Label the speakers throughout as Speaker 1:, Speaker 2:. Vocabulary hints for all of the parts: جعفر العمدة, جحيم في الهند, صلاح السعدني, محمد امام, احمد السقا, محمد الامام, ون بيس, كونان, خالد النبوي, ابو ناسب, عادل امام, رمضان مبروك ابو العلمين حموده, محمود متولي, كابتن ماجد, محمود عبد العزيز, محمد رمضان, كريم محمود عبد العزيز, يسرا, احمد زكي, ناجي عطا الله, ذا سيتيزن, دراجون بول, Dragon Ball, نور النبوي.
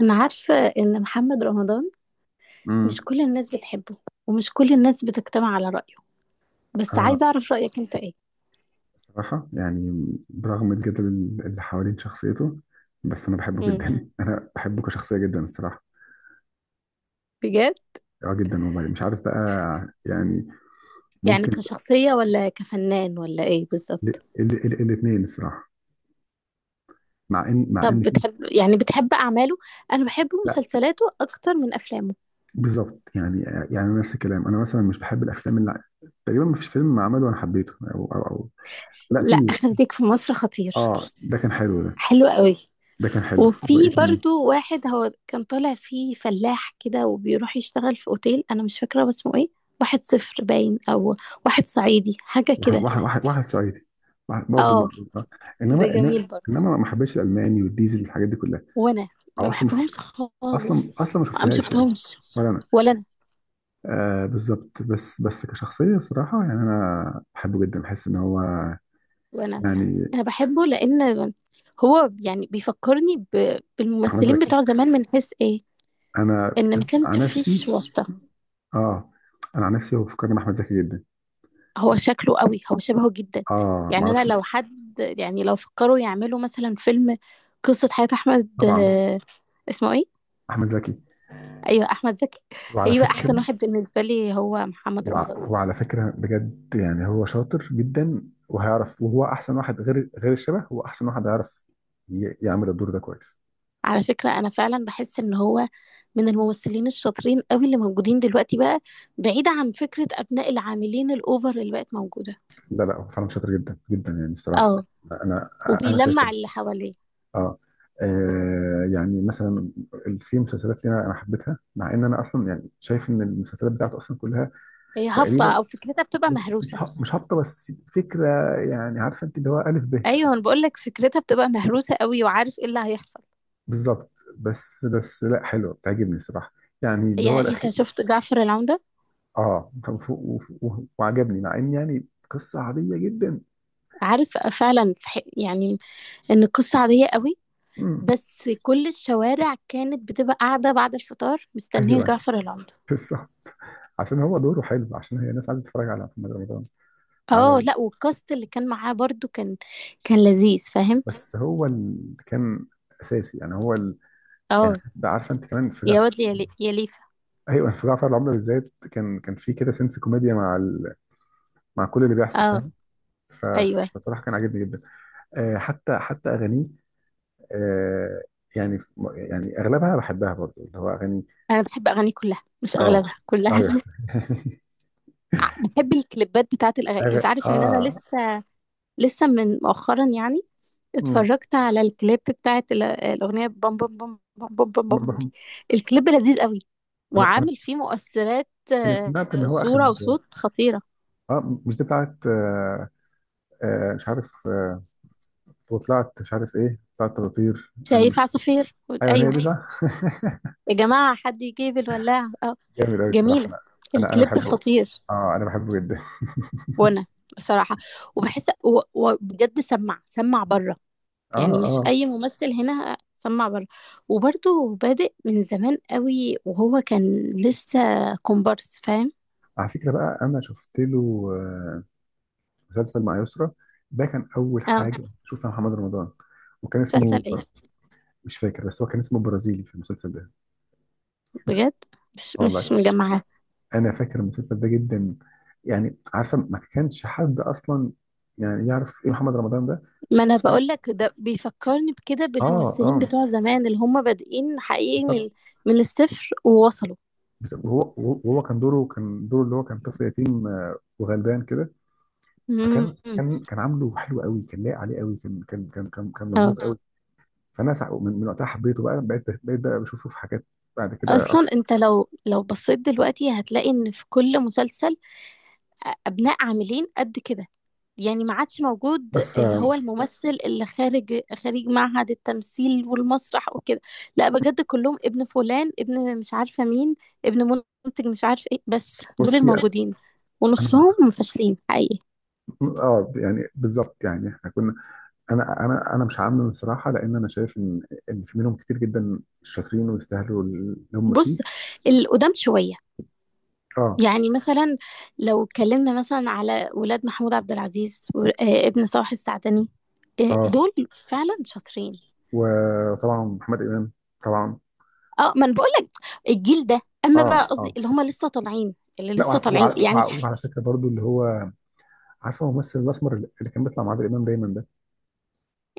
Speaker 1: أنا عارفة إن محمد رمضان مش
Speaker 2: امم
Speaker 1: كل الناس بتحبه، ومش كل الناس بتجتمع على رأيه، بس
Speaker 2: آه،
Speaker 1: عايزة أعرف رأيك أنت إيه؟
Speaker 2: صراحة يعني برغم الجدل اللي حوالين شخصيته، بس أنا بحبه
Speaker 1: امم.
Speaker 2: جدا. أنا بحبه كشخصية جدا الصراحة.
Speaker 1: بجد؟
Speaker 2: آه، جدا والله. مش عارف بقى، يعني
Speaker 1: يعني
Speaker 2: ممكن.
Speaker 1: كشخصية ولا كفنان ولا إيه بالظبط؟
Speaker 2: الاثنين الصراحة. مع إن مع
Speaker 1: طب
Speaker 2: إن في.
Speaker 1: بتحب يعني بتحب أعماله؟ أنا بحب
Speaker 2: لا،
Speaker 1: مسلسلاته أكتر من أفلامه.
Speaker 2: بالظبط يعني نفس الكلام، أنا مثلا مش بحب الأفلام اللي تقريبا ما فيش فيلم عمله أنا حبيته أو. لا،
Speaker 1: لا،
Speaker 2: في.
Speaker 1: أخرتك في مصر خطير.
Speaker 2: آه، ده كان حلو ده.
Speaker 1: حلو قوي.
Speaker 2: ده كان حلو، وإيه
Speaker 1: وفي
Speaker 2: تاني؟
Speaker 1: برضو واحد هو كان طالع فيه فلاح كده وبيروح يشتغل في أوتيل، أنا مش فاكرة هو اسمه إيه. واحد صفر باين، أو واحد صعيدي حاجة كده.
Speaker 2: واحد صعيدي. برضه
Speaker 1: اه،
Speaker 2: معروف آه.
Speaker 1: ده جميل برضه.
Speaker 2: انما ما حبيتش الالماني والديزل والحاجات دي كلها.
Speaker 1: وانا
Speaker 2: او
Speaker 1: ما
Speaker 2: اصلا ما شفت
Speaker 1: بحبهمش خالص.
Speaker 2: اصلا ما
Speaker 1: ما
Speaker 2: شفتهاش يعني.
Speaker 1: شفتهمش.
Speaker 2: ولا انا.
Speaker 1: ولا انا.
Speaker 2: آه، بالظبط. بس كشخصيه صراحه يعني، انا بحبه جدا، بحس ان هو
Speaker 1: وانا
Speaker 2: يعني...
Speaker 1: بحبه لان هو يعني بيفكرني
Speaker 2: احمد
Speaker 1: بالممثلين بتوع
Speaker 2: زكي.
Speaker 1: زمان، من حيث ايه؟
Speaker 2: انا
Speaker 1: ان ما كان
Speaker 2: عن
Speaker 1: فيش
Speaker 2: نفسي
Speaker 1: واسطة.
Speaker 2: اه انا عن نفسي، هو فكرني باحمد زكي جدا.
Speaker 1: هو شكله قوي، هو شبهه جدا.
Speaker 2: اه، ما
Speaker 1: يعني انا
Speaker 2: اعرفش ليه.
Speaker 1: لو حد، يعني لو فكروا يعملوا مثلا فيلم قصة حياة احمد،
Speaker 2: انا طبعا.
Speaker 1: آه، اسمه ايه؟
Speaker 2: احمد زكي.
Speaker 1: ايوه، احمد زكي.
Speaker 2: وعلى يعني
Speaker 1: هيبقى
Speaker 2: فكره.
Speaker 1: احسن واحد بالنسبة لي هو محمد رمضان.
Speaker 2: وعلى فكرة بجد، يعني هو شاطر جدا. وهو أحسن واحد، غير الشبه هو أحسن واحد هيعرف يعمل الدور ده كويس.
Speaker 1: على فكرة أنا فعلا بحس إن هو من الممثلين الشاطرين قوي اللي موجودين دلوقتي بقى، بعيدة عن فكرة أبناء العاملين الأوفر اللي بقت موجودة.
Speaker 2: لا لا، هو فعلا شاطر جدا جدا يعني
Speaker 1: اه.
Speaker 2: الصراحة. أنا أنا شايف
Speaker 1: وبيلمع
Speaker 2: كده.
Speaker 1: اللي حواليه.
Speaker 2: آه. آه يعني، مثلا في مسلسلات لنا، أنا حبيتها مع إن أنا أصلا يعني شايف إن المسلسلات بتاعته أصلا كلها
Speaker 1: هي هابطة
Speaker 2: تقريبا.
Speaker 1: أو فكرتها بتبقى مهروسة.
Speaker 2: مش هابطة، بس فكرة يعني، عارفة أنت اللي هو ألف ب.
Speaker 1: أيوة، أنا بقولك فكرتها بتبقى مهروسة قوي وعارف إيه اللي هيحصل.
Speaker 2: بالظبط. بس لا، حلوة بتعجبني الصراحة، يعني اللي هو
Speaker 1: يعني أنت
Speaker 2: الأخير.
Speaker 1: شفت جعفر العمدة؟
Speaker 2: اه، كان فوق. وعجبني، مع ان يعني قصه عاديه جدا.
Speaker 1: عارف فعلا في يعني إن القصة عادية قوي،
Speaker 2: امم
Speaker 1: بس كل الشوارع كانت بتبقى قاعدة بعد الفطار مستنية
Speaker 2: ايوه،
Speaker 1: جعفر العمدة.
Speaker 2: قصه، عشان هو دوره حلو، عشان هي الناس عايزه تتفرج على محمد رمضان، على
Speaker 1: اه، لا، والكاست اللي كان معاه برضو كان لذيذ فاهم.
Speaker 2: بس هو اللي كان اساسي، يعني هو ال... يعني
Speaker 1: اه،
Speaker 2: حتى عارفه انت كمان في
Speaker 1: يا
Speaker 2: جف.
Speaker 1: واد يا يا ليفا.
Speaker 2: ايوه في جعفر العمده بالذات، كان في كده سنس كوميديا مع ال... مع كل اللي بيحصل
Speaker 1: اه،
Speaker 2: فاهم. ف-
Speaker 1: ايوه.
Speaker 2: فبصراحه كان عاجبني جدا. آه، حتى اغانيه. آه يعني يعني اغلبها بحبها برضو، اللي هو اغاني.
Speaker 1: انا بحب اغاني كلها مش
Speaker 2: اه،
Speaker 1: اغلبها، كلها
Speaker 2: ايوه.
Speaker 1: بحب الكليبات بتاعت الاغاني،
Speaker 2: أغ...
Speaker 1: انت عارف ان انا
Speaker 2: اه
Speaker 1: لسه، من مؤخرا يعني
Speaker 2: امم
Speaker 1: اتفرجت على الكليب بتاعت الاغنيه بام بام بام بام بام بام
Speaker 2: برضه
Speaker 1: بام دي. الكليب لذيذ قوي
Speaker 2: انا انا
Speaker 1: وعامل فيه مؤثرات،
Speaker 2: انا
Speaker 1: آه،
Speaker 2: سمعت ان هو اخد.
Speaker 1: صوره وصوت خطيره.
Speaker 2: اه، مش دي بتاعت آه، مش عارف وطلعت، مش عارف ايه، طلعت تطير انا
Speaker 1: شايف
Speaker 2: مش...
Speaker 1: عصافير؟
Speaker 2: ايوه، هي
Speaker 1: ايوه.
Speaker 2: دي صح.
Speaker 1: يا جماعة حد يجيب الولاعة اه.
Speaker 2: جامد قوي الصراحه.
Speaker 1: جميلة،
Speaker 2: انا
Speaker 1: الكليب
Speaker 2: بحبه.
Speaker 1: خطير.
Speaker 2: اه، انا بحبه جدا.
Speaker 1: وانا بصراحة، وبحس وبجد سمع بره. يعني
Speaker 2: اه
Speaker 1: مش
Speaker 2: اه،
Speaker 1: اي ممثل هنا سمع بره. وبرضه بادئ من زمان قوي وهو كان لسه كومبارس فاهم.
Speaker 2: على فكره بقى انا شفت له آه، مسلسل مع يسرا، ده كان اول
Speaker 1: اه،
Speaker 2: حاجه شوفها محمد رمضان. وكان
Speaker 1: مسلسل
Speaker 2: اسمه...
Speaker 1: ايه؟
Speaker 2: مش فاكر، بس هو كان اسمه برازيلي في المسلسل ده.
Speaker 1: بجد؟ مش
Speaker 2: اه والله،
Speaker 1: مش مجمعة.
Speaker 2: انا فاكر المسلسل ده جدا، يعني عارفه ما كانش حد اصلا يعني يعرف ايه محمد رمضان ده،
Speaker 1: ما انا
Speaker 2: انا فاهم؟ فاكر.
Speaker 1: بقول لك ده بيفكرني بكده
Speaker 2: اه
Speaker 1: بالممثلين
Speaker 2: اه،
Speaker 1: بتوع زمان اللي هم بادئين حقيقي،
Speaker 2: بالظبط.
Speaker 1: من الصفر ووصلوا.
Speaker 2: بس هو كان دوره اللي هو كان طفل يتيم آه، وغلبان كده. فكان
Speaker 1: امم.
Speaker 2: كان كان عامله حلو قوي، كان لايق عليه قوي، كان مظبوط قوي. من وقتها حبيته بقى، بقيت بشوفه في حاجات بعد كده
Speaker 1: اصلا انت لو بصيت دلوقتي هتلاقي ان في كل مسلسل، ابناء عاملين قد كده، يعني ما عادش موجود
Speaker 2: بس
Speaker 1: اللي
Speaker 2: آه.
Speaker 1: هو الممثل اللي خارج معهد التمثيل والمسرح وكده. لا بجد، كلهم ابن فلان، ابن مش عارفة مين، ابن منتج مش عارف ايه، بس دول
Speaker 2: بصي
Speaker 1: الموجودين
Speaker 2: انا،
Speaker 1: ونصهم فاشلين حقيقي.
Speaker 2: اه يعني بالظبط، يعني احنا كنا. انا مش عامل الصراحه، لان انا شايف ان في منهم كتير جدا شاطرين ويستاهلوا اللي هم فيه.
Speaker 1: بص. القدام شوية.
Speaker 2: اه
Speaker 1: يعني مثلا لو اتكلمنا مثلا على ولاد محمود عبد العزيز وابن صلاح السعدني، آه،
Speaker 2: اه.
Speaker 1: دول فعلا شاطرين.
Speaker 2: وطبعا محمد امام طبعا.
Speaker 1: اه ما انا بقول لك، الجيل ده،
Speaker 2: اه،
Speaker 1: اما بقى
Speaker 2: محمد
Speaker 1: قصدي
Speaker 2: اه.
Speaker 1: اللي هم لسه طالعين، اللي
Speaker 2: لا وع-
Speaker 1: لسه
Speaker 2: بس وع-
Speaker 1: طالعين
Speaker 2: طبيعي
Speaker 1: يعني.
Speaker 2: وع- يعني وعلى فكره برضو، اللي هو عارفه الممثل الاسمر اللي كان بيطلع مع عادل امام دايما ده.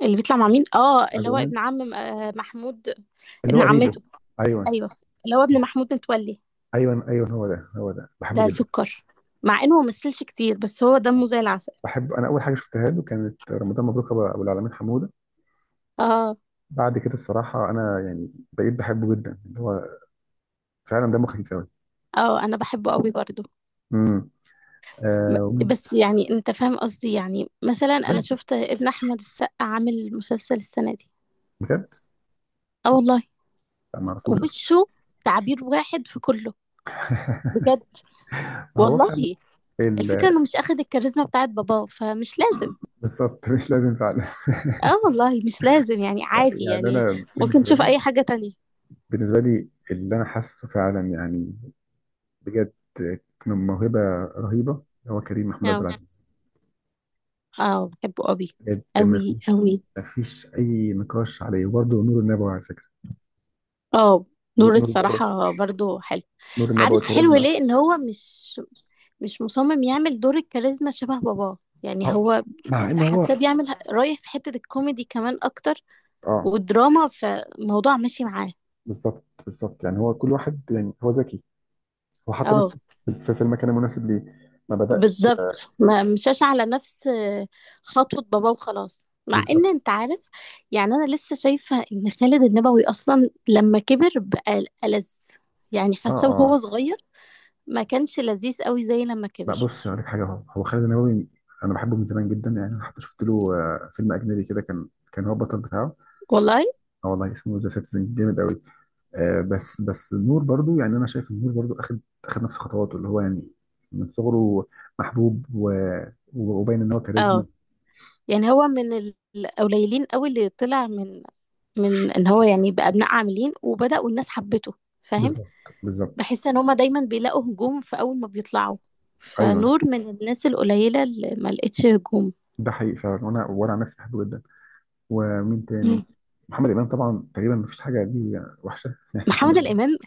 Speaker 1: اللي بيطلع مع مين؟ اه، اللي
Speaker 2: عادل
Speaker 1: هو
Speaker 2: امام.
Speaker 1: ابن عم، آه، محمود.
Speaker 2: اللي
Speaker 1: ابن
Speaker 2: هو لا، قريبه.
Speaker 1: عمته.
Speaker 2: ايوه
Speaker 1: ايوه، اللي هو ابن محمود متولي.
Speaker 2: ايوه ايوه، هو ده بحبه
Speaker 1: ده
Speaker 2: جدا.
Speaker 1: سكر، مع انه ما مثلش كتير بس هو دمه زي العسل.
Speaker 2: بحب، انا اول حاجه شفتها له كانت رمضان مبروك أبو العلمين حموده.
Speaker 1: اه،
Speaker 2: بعد كده الصراحه انا يعني بقيت بحبه جدا، اللي هو فعلا دمه خفيف قوي.
Speaker 1: اه، انا بحبه قوي برضو.
Speaker 2: امم آه.
Speaker 1: بس يعني انت فاهم قصدي، يعني مثلا انا
Speaker 2: فعلا؟
Speaker 1: شفت ابن احمد السقا عامل مسلسل السنه دي.
Speaker 2: بجد.
Speaker 1: اه والله.
Speaker 2: لا، ما اعرفوش اصلا.
Speaker 1: وشه تعبير واحد في كله، بجد،
Speaker 2: هو
Speaker 1: والله.
Speaker 2: فعلا ال-
Speaker 1: الفكره انه مش اخد الكاريزما بتاعت باباه، فمش لازم.
Speaker 2: بالظبط. مش لازم فعلا.
Speaker 1: اه والله مش لازم، يعني عادي
Speaker 2: يعني
Speaker 1: يعني.
Speaker 2: انا
Speaker 1: ممكن
Speaker 2: بالنسبه
Speaker 1: تشوف
Speaker 2: لي،
Speaker 1: اي حاجه تانية.
Speaker 2: اللي انا حاسه فعلا يعني، بجد، من موهبه رهيبه، هو كريم محمود عبد
Speaker 1: اه،
Speaker 2: العزيز.
Speaker 1: اه، بحبه قوي،
Speaker 2: بجد،
Speaker 1: قوي قوي.
Speaker 2: ما فيش اي نقاش عليه. وبرضه نور النبوي على فكره.
Speaker 1: اه،
Speaker 2: نور
Speaker 1: دور
Speaker 2: نور النبوي.
Speaker 1: الصراحة برضو حلو.
Speaker 2: نور النبوي
Speaker 1: عارف حلو
Speaker 2: كاريزما.
Speaker 1: ليه؟ ان هو مش مصمم يعمل دور الكاريزما شبه باباه، يعني
Speaker 2: اه،
Speaker 1: هو
Speaker 2: مع ان هو.
Speaker 1: حاساه بيعمل رايح في حتة الكوميدي كمان اكتر
Speaker 2: اه،
Speaker 1: والدراما، فالموضوع ماشي معاه.
Speaker 2: بالظبط بالظبط. يعني هو كل واحد، يعني هو ذكي، هو حط
Speaker 1: اه،
Speaker 2: نفسه في في المكان المناسب ليه، ما بدأش.
Speaker 1: بالظبط، ما مشاش على نفس خطوة باباه وخلاص. مع ان
Speaker 2: بالظبط.
Speaker 1: انت عارف، يعني انا لسه شايفة ان خالد النبوي اصلا لما كبر بقى ألذ. يعني
Speaker 2: اه
Speaker 1: حاسه وهو
Speaker 2: اه،
Speaker 1: صغير ما كانش لذيذ قوي زي لما
Speaker 2: لا
Speaker 1: كبر.
Speaker 2: بص هقول لك حاجه، هو خالد النبوي، انا بحبه من زمان جدا. يعني انا حتى شفت له آه، فيلم اجنبي كده، كان هو البطل بتاعه.
Speaker 1: والله.
Speaker 2: اه والله، اسمه ذا سيتيزن، جامد قوي. آه، بس النور برضو، يعني انا شايف النور برضو اخد، نفس خطواته، اللي هو يعني من صغره محبوب و... وباين ان هو كاريزما.
Speaker 1: اه، يعني هو من القليلين قوي اللي طلع، من من ان هو يعني بقى ابناء عاملين وبدأوا الناس حبته، فاهم.
Speaker 2: بالظبط بالظبط،
Speaker 1: بحس ان هما دايما بيلاقوا هجوم في اول ما بيطلعوا،
Speaker 2: ايوه
Speaker 1: فنور من الناس القليلة اللي ما لقتش هجوم.
Speaker 2: ده حقيقي فعلا. وانا عن نفسي بحبه جدا. ومين تاني؟
Speaker 1: مم.
Speaker 2: محمد امام طبعا، تقريبا ما فيش حاجه دي وحشه. يعني محمد
Speaker 1: محمد
Speaker 2: امام.
Speaker 1: الامام.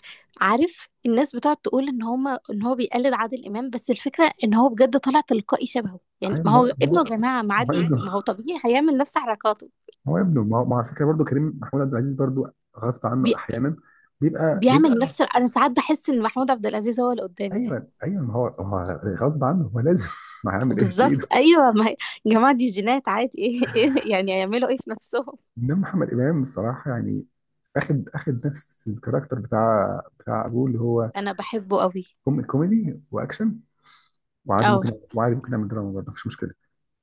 Speaker 1: عارف الناس بتقعد تقول ان هما، ان هو بيقلد عادل امام، بس الفكرة ان هو بجد طلع تلقائي شبهه، يعني
Speaker 2: ايوه،
Speaker 1: ما
Speaker 2: ما هو
Speaker 1: هو
Speaker 2: ما
Speaker 1: ابنه
Speaker 2: هو
Speaker 1: يا جماعة، ما
Speaker 2: ما هو
Speaker 1: عادي،
Speaker 2: ابنه،
Speaker 1: ما هو طبيعي هيعمل نفس حركاته.
Speaker 2: هو ابنه. ما هو ما هو على فكره برضه كريم محمود عبد العزيز برضه، غصب
Speaker 1: بي...
Speaker 2: عنه احيانا بيبقى
Speaker 1: بيعمل
Speaker 2: بيبقى
Speaker 1: نفس. انا ساعات بحس ان محمود عبد العزيز هو اللي قدامي.
Speaker 2: ايوه ايوه، ما هو هو غصب عنه، هو لازم. ما هيعمل ايه في ايده.
Speaker 1: بالظبط، ايوه ما هي. يا جماعه دي جينات عادي ايه، ايه يعني هيعملوا ايه في نفسهم.
Speaker 2: انما محمد امام الصراحه يعني، اخد نفس الكاركتر بتاع ابوه، اللي هو
Speaker 1: انا بحبه قوي.
Speaker 2: كوميدي واكشن، وعادي
Speaker 1: اه،
Speaker 2: ممكن. نعمل دراما برضه، مفيش مشكله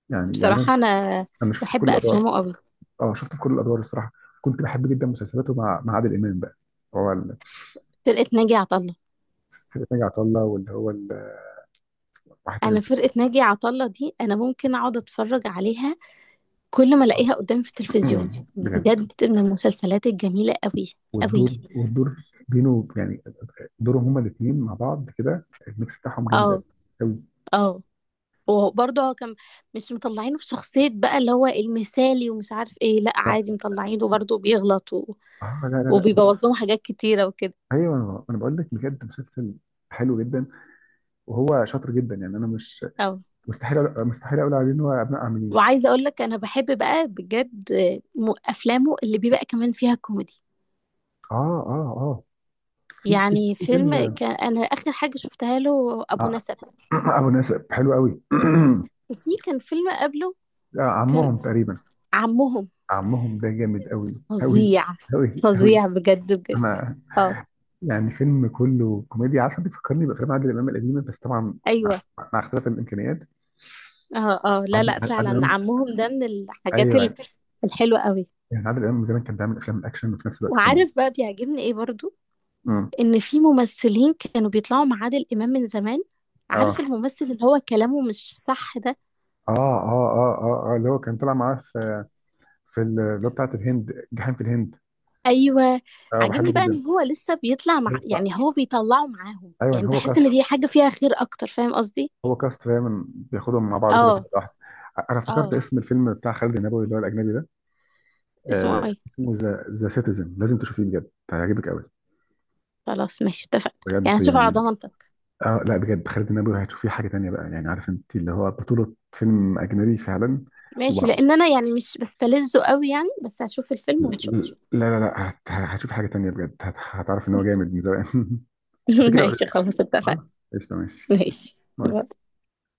Speaker 2: يعني. انا،
Speaker 1: بصراحه انا
Speaker 2: شفت في كل
Speaker 1: بحب
Speaker 2: الادوار.
Speaker 1: افلامه قوي.
Speaker 2: اه، شفت في كل الادوار الصراحه. كنت بحب جدا مسلسلاته مع عادل امام بقى. هو
Speaker 1: فرقه ناجي عطا الله.
Speaker 2: في ناجي عطا الله، واللي هو واحد تاني
Speaker 1: انا فرقه ناجي عطا الله دي انا ممكن اقعد اتفرج عليها كل ما
Speaker 2: اه.
Speaker 1: الاقيها قدامي في التلفزيون،
Speaker 2: بجد،
Speaker 1: بجد من المسلسلات الجميله قوي،
Speaker 2: والدور،
Speaker 1: قوي.
Speaker 2: والدور بينه يعني، دورهم هما الاثنين مع بعض كده، الميكس بتاعهم جامد
Speaker 1: اه،
Speaker 2: قوي، قوي.
Speaker 1: اه. وبرضه هو كان مش مطلعينه في شخصية بقى اللي هو المثالي ومش عارف ايه، لا عادي مطلعينه برضه بيغلط
Speaker 2: اه. لا لا لا.
Speaker 1: وبيبوظ لهم حاجات كتيرة وكده.
Speaker 2: ايوه، انا بقول لك بجد، مسلسل حلو جدا، وهو شاطر جدا. يعني انا مش...
Speaker 1: اه،
Speaker 2: مستحيل اقول عليه ان هو ابناء عاملين.
Speaker 1: وعايزه اقول لك انا بحب بقى بجد، افلامه اللي بيبقى كمان فيها كوميدي،
Speaker 2: اه اه اه.
Speaker 1: يعني
Speaker 2: في
Speaker 1: فيلم
Speaker 2: فيلم.
Speaker 1: كان انا اخر حاجه شفتها له ابو
Speaker 2: آه،
Speaker 1: نسب.
Speaker 2: ابو ناسب حلو قوي.
Speaker 1: وفي كان فيلم قبله
Speaker 2: آه
Speaker 1: كان
Speaker 2: عمهم، تقريبا.
Speaker 1: عمهم.
Speaker 2: عمهم ده جامد قوي، قوي
Speaker 1: فظيع،
Speaker 2: قوي قوي.
Speaker 1: فظيع بجد بجد.
Speaker 2: انا
Speaker 1: اه،
Speaker 2: يعني فيلم كله كوميديا، عارفه بيفكرني بافلام عادل امام القديمه، بس طبعا مع
Speaker 1: ايوه.
Speaker 2: اختلاف الامكانيات.
Speaker 1: اه، اه، لا لا،
Speaker 2: عادل
Speaker 1: فعلا
Speaker 2: امام.
Speaker 1: عمهم ده من الحاجات
Speaker 2: ايوه،
Speaker 1: الحلوه قوي.
Speaker 2: يعني عادل امام زمان كان بيعمل افلام اكشن وفي نفس الوقت كوميدي.
Speaker 1: وعارف بقى بيعجبني ايه برضو؟
Speaker 2: امم
Speaker 1: ان في ممثلين كانوا بيطلعوا مع عادل امام من زمان. عارف
Speaker 2: اه
Speaker 1: الممثل اللي هو كلامه مش صح ده؟
Speaker 2: اه اه اه اه اه، اللي هو كان طلع معاه في اللي هو بتاعت الهند، جحيم في الهند.
Speaker 1: ايوه.
Speaker 2: اه، بحبه
Speaker 1: عاجبني بقى
Speaker 2: جدا.
Speaker 1: ان هو لسه بيطلع مع،
Speaker 2: بيطلع.
Speaker 1: يعني هو بيطلعه معاهم
Speaker 2: ايوه،
Speaker 1: يعني،
Speaker 2: هو
Speaker 1: بحس ان دي
Speaker 2: كاست،
Speaker 1: حاجه فيها خير اكتر، فاهم قصدي.
Speaker 2: دايما بياخدهم مع بعض كده في
Speaker 1: اه،
Speaker 2: واحد. انا افتكرت
Speaker 1: اه.
Speaker 2: اسم الفيلم بتاع خالد النبوي اللي هو الاجنبي ده.
Speaker 1: اسمه
Speaker 2: آه،
Speaker 1: ايه؟
Speaker 2: اسمه ذا سيتيزن، لازم تشوفيه بجد، هيعجبك قوي.
Speaker 1: خلاص ماشي، اتفقنا،
Speaker 2: بجد
Speaker 1: يعني هشوف على
Speaker 2: يعني.
Speaker 1: ضمانتك.
Speaker 2: اه لا، بجد خالد النبوي هتشوفيه حاجه تانيه بقى، يعني عارف انت اللي هو بطوله فيلم اجنبي فعلا.
Speaker 1: ماشي،
Speaker 2: وبع-
Speaker 1: لان انا يعني مش بستلذه قوي يعني، بس هشوف الفيلم
Speaker 2: لا
Speaker 1: ونشوف.
Speaker 2: لا لا، هت... هتشوف حاجة تانية، بجد هت... هتعرف ان هو جامد من زمان. شوفي كده وقولي لي
Speaker 1: ماشي
Speaker 2: رأيك.
Speaker 1: خلاص، اتفقنا.
Speaker 2: خلاص قشطة ماشي يلا.
Speaker 1: ماشي. باي.
Speaker 2: باي